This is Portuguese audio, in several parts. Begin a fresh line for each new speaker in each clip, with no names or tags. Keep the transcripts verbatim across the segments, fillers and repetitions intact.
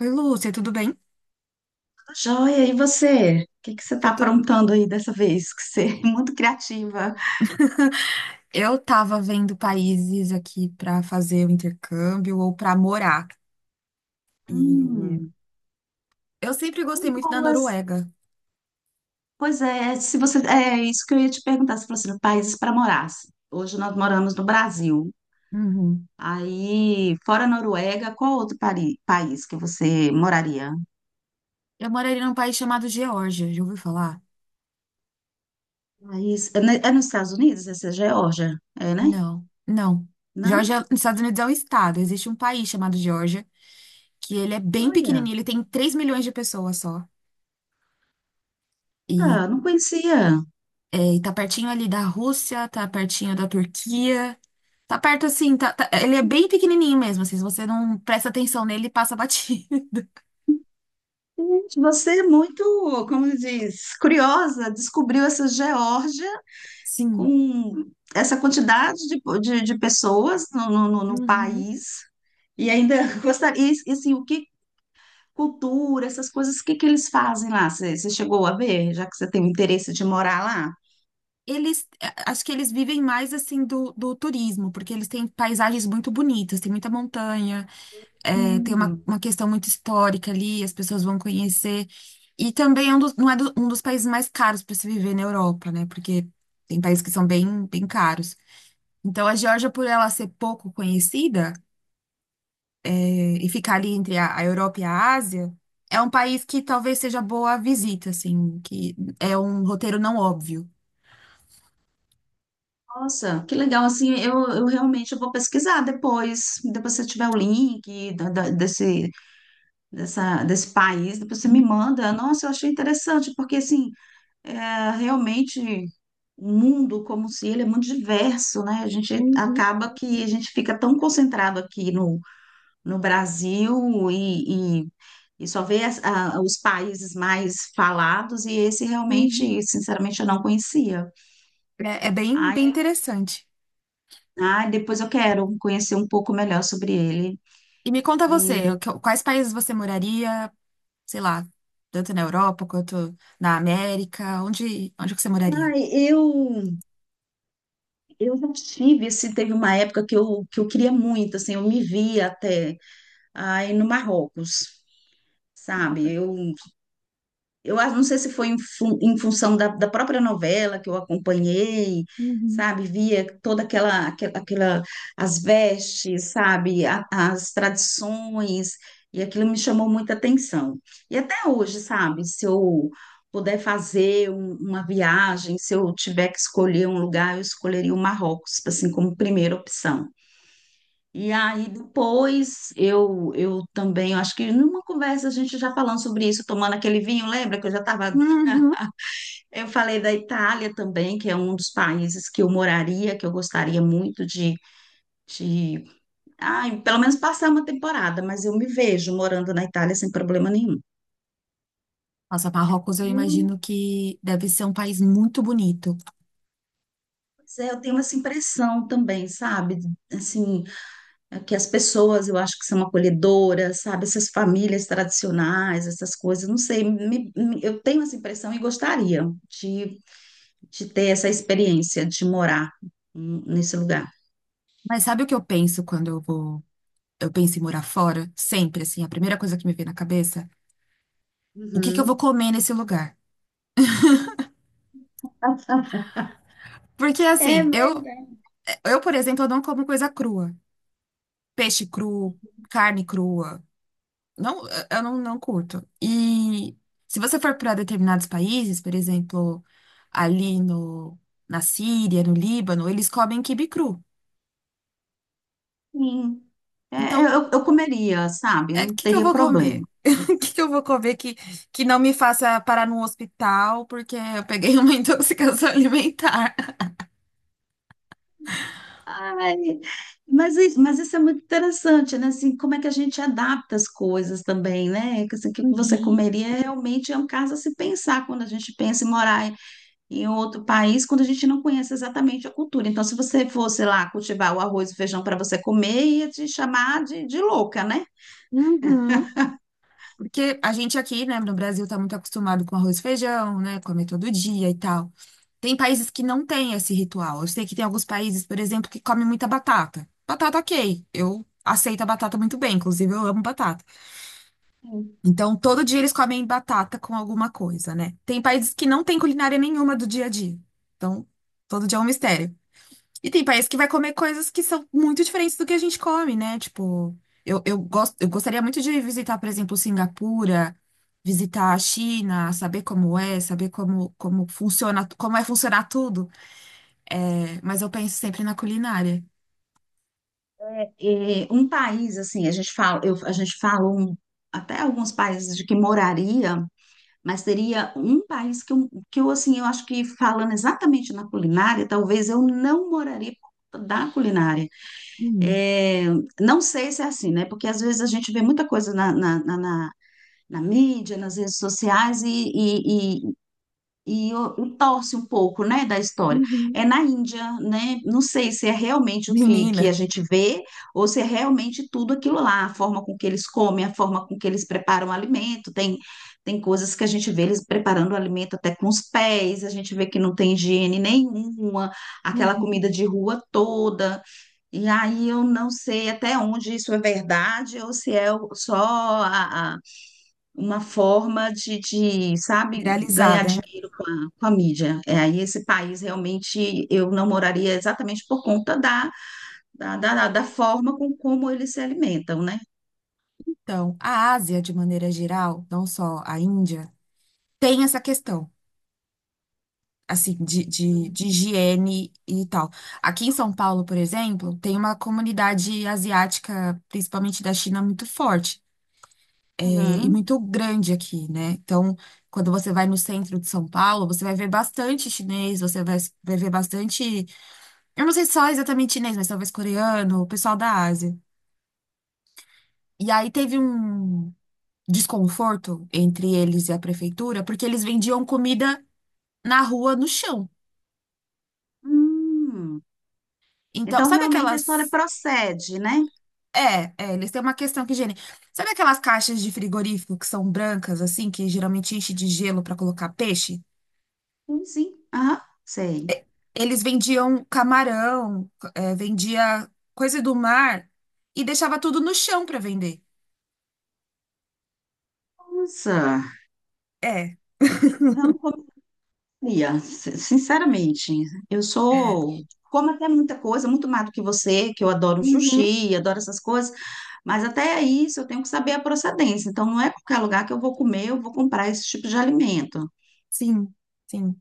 Oi, Lúcia, tudo bem?
Tá joia, e você? O que que você está
Tudo.
aprontando aí dessa vez? Que você é muito criativa.
Eu tava vendo países aqui pra fazer o intercâmbio ou pra morar. E
Hum,
eu sempre gostei muito da
boas.
Noruega.
Pois é, se você é isso que eu ia te perguntar, se fosse países para morar. Assim, hoje nós moramos no Brasil.
Uhum.
Aí, fora a Noruega, qual outro pari- país que você moraria?
Eu moraria num país chamado Geórgia, já ouviu falar?
País, é, ne- é nos Estados Unidos, essa é Geórgia, é, né?
Não, não.
Não?
Geórgia, nos Estados Unidos é um estado. Existe um país chamado Geórgia, que ele é bem
Olha,
pequenininho, ele tem três milhões de pessoas só. E
ah, não conhecia.
é, e tá pertinho ali da Rússia, tá pertinho da Turquia. Tá perto assim, tá- tá- ele é bem pequenininho mesmo, assim, se você não presta atenção nele, passa batido.
Gente, você é muito, como diz, curiosa, descobriu essa Geórgia.
Sim.
Com essa quantidade de, de, de pessoas no, no, no- no
Uhum.
país e ainda gostaria, e, e, assim, o que cultura, essas coisas, o que que eles fazem lá? Você você chegou a ver, já que você tem o interesse de morar lá?
Eles, é, acho que eles vivem mais assim do, do turismo, porque eles têm paisagens muito bonitas, tem muita montanha, é, tem uma,
Hum,
uma questão muito histórica ali, as pessoas vão conhecer. E também é um dos, não é do- um dos países mais caros para se viver na Europa, né? Porque tem países que são bem, bem caros. Então a Geórgia, por ela ser pouco conhecida, e ficar ali entre a, a Europa e a Ásia, é um país que talvez seja boa a visita, assim, que é um roteiro não óbvio.
nossa, que legal, assim, eu, eu realmente vou pesquisar depois, depois se tiver o link da- da- desse, dessa, desse país, depois você me manda. Nossa, eu achei interessante, porque assim, é, realmente o mundo como se ele é muito diverso, né? A gente
Uhum,
acaba que a gente fica tão concentrado aqui no, no Brasil e, e, e só vê as- a- os países mais falados, e esse
uhum.
realmente, sinceramente, eu não conhecia.
É, é bem,
Ai,
bem interessante.
ai, depois eu quero conhecer um pouco melhor sobre ele.
E me conta você, o
E,
que- quais países você moraria, sei lá, tanto na Europa quanto na América, onde, onde que você moraria?
ai, eu, eu já tive, assim, teve uma época que eu, que eu queria muito, assim, eu me via até ai, no Marrocos, sabe? Eu Eu acho- não sei se foi em, fun- em função da, da própria novela que eu acompanhei,
Uhum.
sabe? Via toda aquela, aquela, aquela- as vestes, sabe? A- as tradições, e aquilo me chamou muita atenção. E até hoje, sabe? Se eu puder fazer um- uma viagem, se eu tiver que escolher um lugar, eu escolheria o Marrocos, assim, como primeira opção. E aí depois eu eu também, eu acho que numa conversa a gente já falando sobre isso, tomando aquele vinho, lembra que eu já estava
Uhum.
eu falei da Itália também, que é um dos países que eu moraria, que eu gostaria muito de, de... Ai, pelo menos passar uma temporada, mas eu me vejo morando na Itália sem problema nenhum.
Nossa, Marrocos eu
Hum,
imagino que deve ser um país muito bonito.
pois é, eu tenho essa impressão também, sabe? Assim, é que as pessoas eu acho que são acolhedoras, sabe? Essas famílias tradicionais, essas coisas, não sei, me- me- eu tenho essa impressão e gostaria de, de ter essa experiência de morar hum, nesse lugar.
Mas sabe o que eu penso quando eu vou, eu penso em morar fora? Sempre, assim, a primeira coisa que me vem na cabeça. O que que eu vou
Uhum.
comer nesse lugar? Porque
É
assim, eu,
verdade.
eu, por exemplo, eu não como coisa crua. Peixe cru, carne crua. Não, eu não, não curto. E se você for para determinados países, por exemplo, ali no, na Síria, no Líbano, eles comem quibe cru.
Sim. É, é,
Então,
eu, eu comeria, sabe?
é, o
Não
que que eu
teria
vou
problema.
comer? O que que eu vou comer que, que não me faça parar num hospital porque eu peguei uma intoxicação alimentar?
Ai, mas isso, mas isso é muito interessante, né? Assim, como é que a gente adapta as coisas também, né? Que, assim, o que você
Uhum,
comeria realmente é um caso a se pensar quando a gente pensa em morar em outro país, quando a gente não conhece exatamente a cultura. Então, se você fosse lá cultivar o arroz e o feijão para você comer, ia te chamar de, de louca, né?
uhum. Porque a gente aqui, né, no Brasil tá muito acostumado com arroz e feijão, né, comer todo dia e tal. Tem países que não têm esse ritual. Eu sei que tem alguns países, por exemplo, que comem muita batata. Batata, ok. Eu aceito a batata muito bem, inclusive eu amo batata.
Sim.
Então, todo dia eles comem batata com alguma coisa, né? Tem países que não têm culinária nenhuma do dia a dia. Então, todo dia é um mistério. E tem país que vai comer coisas que são muito diferentes do que a gente come, né? Tipo, eu, eu gosto, eu gostaria muito de visitar, por exemplo, Singapura, visitar a China, saber como é, saber como, como funciona, como é funcionar tudo. É, mas eu penso sempre na culinária.
É, um país assim, a gente fala, eu, a gente fala um- até alguns países de que moraria. Mas seria um país que eu, que eu, assim, eu acho que falando exatamente na culinária, talvez eu não moraria por conta da culinária.
Hum,
É, não sei se é assim, né? Porque às vezes a gente vê muita coisa na, na, na, na- na mídia, nas redes sociais, e, e, o- e torce um pouco, né, da história.
Uhum,
É na Índia, né? Não sei se é realmente o que, que a
menina,
gente vê ou se é realmente tudo aquilo lá, a forma com que eles comem, a forma com que eles preparam o alimento. Tem, tem coisas que a gente vê eles preparando o alimento até com os pés, a gente vê que não tem higiene nenhuma, aquela
uhum,
comida de rua toda. E aí eu não sei até onde isso é verdade ou se é o- só uma forma de, de, sabe,
viralizar,
ganhar
né?
dinheiro com a, com a mídia. É, aí esse país realmente eu não moraria exatamente por conta da, da, da, da forma com como eles se alimentam, né?
Então, a Ásia, de maneira geral, não só a Índia, tem essa questão, assim, de, de, de higiene e tal. Aqui em São Paulo, por exemplo, tem uma comunidade asiática, principalmente da China, muito forte, é, e
Uhum.
muito grande aqui, né? Então, quando você vai no centro de São Paulo, você vai ver bastante chinês, você vai, vai ver bastante. Eu não sei se só exatamente chinês, mas talvez coreano, o pessoal da Ásia. E aí teve um desconforto entre eles e a prefeitura, porque eles vendiam comida na rua, no chão.
Hum.
Então,
Então
sabe
realmente a história
aquelas,
procede, né?
é, é, eles têm uma questão que higiene. Sabe aquelas caixas de frigorífico que são brancas, assim, que geralmente enche de gelo para colocar peixe?
Sim, sim. Ah, sei.
Eles vendiam camarão, é, vendia coisa do mar e deixava tudo no chão para vender.
Nossa,
É,
eu não Lia, si- sinceramente, eu
é.
sou, como até muita coisa, muito mais do que você, que eu adoro
Uhum.
sushi, adoro essas coisas, mas até isso eu tenho que saber a procedência. Então, não é qualquer lugar que eu vou comer, eu vou comprar esse tipo de alimento.
Sim, sim.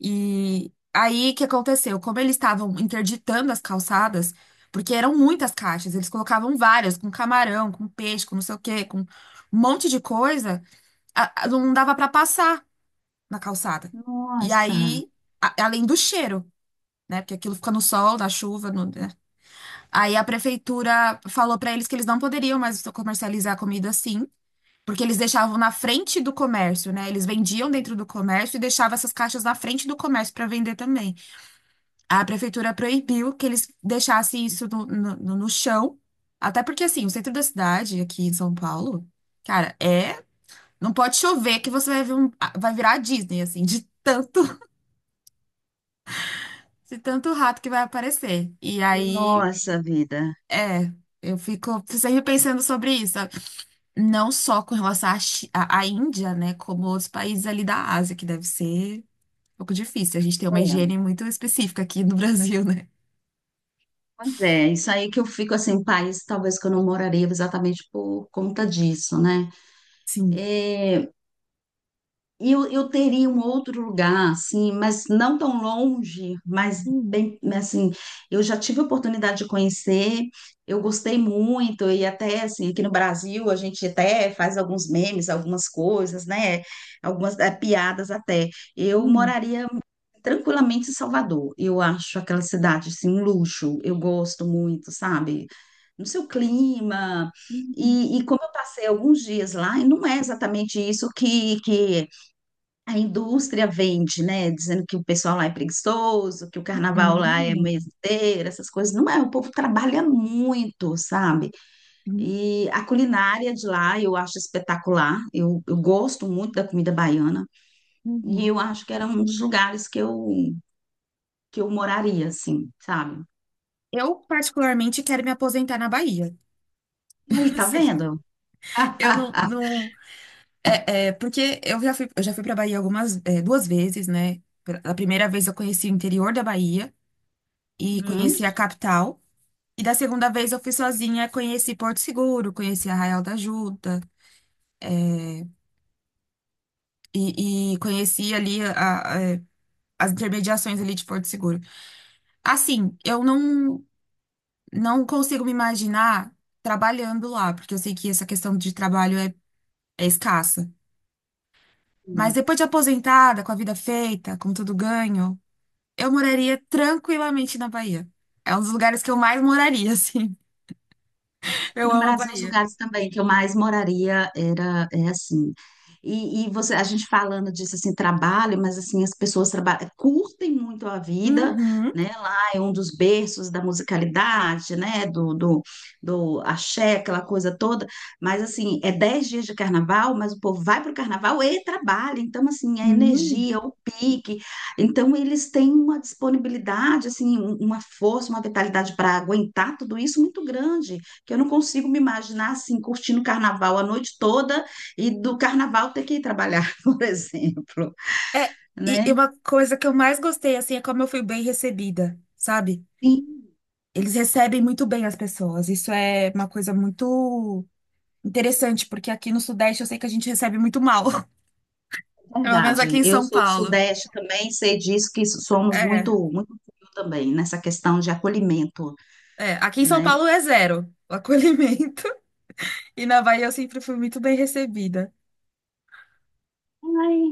E aí o que aconteceu? Como eles estavam interditando as calçadas, porque eram muitas caixas, eles colocavam várias, com camarão, com peixe, com não sei o quê, com um monte de coisa. A- a- não dava pra passar na calçada. E
Nossa,
aí, a- além do cheiro, né? Porque aquilo fica no sol, na chuva, no- né? Aí a prefeitura falou pra eles que eles não poderiam mais comercializar comida assim, porque eles deixavam na frente do comércio, né? Eles vendiam dentro do comércio e deixavam essas caixas na frente do comércio pra vender também. A prefeitura proibiu que eles deixassem isso no, no no- no chão, até porque assim, o centro da cidade, aqui em São Paulo, cara, é não pode chover que você vai ver um, ah, vai virar a Disney, assim, de tanto, de tanto rato que vai aparecer. E aí,
nossa vida.
é, eu fico sempre pensando sobre isso, sabe? Não só com relação à, Chi- à- à Índia, né, como outros países ali da Ásia, que deve ser um pouco difícil. A gente tem uma
É,
higiene muito específica aqui no Brasil, né?
pois é, isso aí que eu fico assim, país, talvez que eu não moraria exatamente por conta disso, né?
Sim.
É, Eu, eu teria um outro lugar, assim, mas não tão longe, mas
Hum,
bem, assim, eu já tive a oportunidade de conhecer, eu gostei muito, e até, assim, aqui no Brasil a gente até faz alguns memes, algumas coisas, né? Algumas eh, piadas até. Eu
hum,
moraria tranquilamente em Salvador, eu acho aquela cidade, assim, um luxo, eu gosto muito, sabe? No seu clima.
hum,
E, e como eu passei alguns dias lá, e não é exatamente isso que, que a indústria vende, né? Dizendo que o pessoal lá é preguiçoso, que o carnaval lá é
hum,
meseteiro, essas coisas. Não é, o povo trabalha muito, sabe?
hum,
E a culinária de lá eu acho espetacular. Eu, eu gosto muito da comida baiana.
hum,
E
hum.
eu acho que era um dos lugares que eu, que eu moraria, assim, sabe?
Eu, particularmente, quero me aposentar na Bahia.
E aí,
Não
tá
sei.
vendo?
Eu não, não É, é, porque eu já fui, eu já fui para Bahia algumas, é, duas vezes, né? A primeira vez eu conheci o interior da Bahia e
Hum?
conheci a capital. E da segunda vez eu fui sozinha, conheci Porto Seguro, conheci Arraial da Ajuda e, e conheci ali a- a- é, as intermediações ali de Porto Seguro. Assim, eu não, não consigo me imaginar trabalhando lá, porque eu sei que essa questão de trabalho é, é escassa. Mas depois de aposentada, com a vida feita, com tudo ganho. Eu moraria tranquilamente na Bahia. É um dos lugares que eu mais moraria, assim.
Aqui
Eu
no
amo a
Brasil, os
Bahia.
lugares também que eu mais moraria era é assim. E, e você, a gente falando disso assim, trabalho, mas assim, as pessoas trabalham, curtem muito a vida,
Uhum.
né? Lá é um dos berços da musicalidade, né? Do, do, do axé, aquela coisa toda. Mas assim, é dez dias de carnaval, mas o povo vai para o carnaval e trabalha. Então, assim, a
Hum.
energia, o pique. Então, eles têm uma disponibilidade, assim, um- uma força, uma vitalidade para aguentar tudo isso muito grande. Que eu não consigo me imaginar assim, curtindo carnaval a noite toda e do carnaval ter que ir trabalhar, por exemplo,
É, e e
né?
uma coisa que eu mais gostei, assim, é como eu fui bem recebida, sabe?
Sim,
Eles recebem muito bem as pessoas. Isso é uma coisa muito interessante, porque aqui no Sudeste eu sei que a gente recebe muito mal. Pelo menos aqui
verdade.
em
Eu
São
sou do
Paulo.
Sudeste também, sei disso que somos muito,
É,
muito frio também nessa questão de acolhimento,
é. Aqui em São
né?
Paulo é zero o acolhimento. E na Bahia eu sempre fui muito bem recebida.
Ai,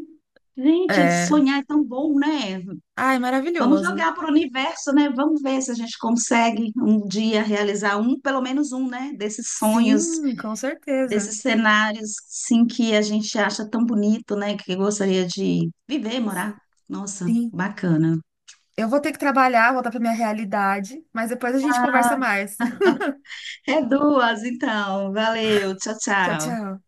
gente,
É.
sonhar é tão bom, né?
Ai,
Vamos
maravilhoso.
jogar para o universo, né? Vamos ver se a gente consegue um dia realizar um, pelo menos um, né? Desses sonhos
Sim, com certeza.
desses cenários, sim, que a gente acha tão bonito, né? Que gostaria de viver, morar. Nossa,
Sim.
bacana.
Eu vou ter que trabalhar, voltar para minha realidade, mas depois a gente conversa mais.
É duas, então. Valeu, tchau,
Tchau,
tchau.
tchau.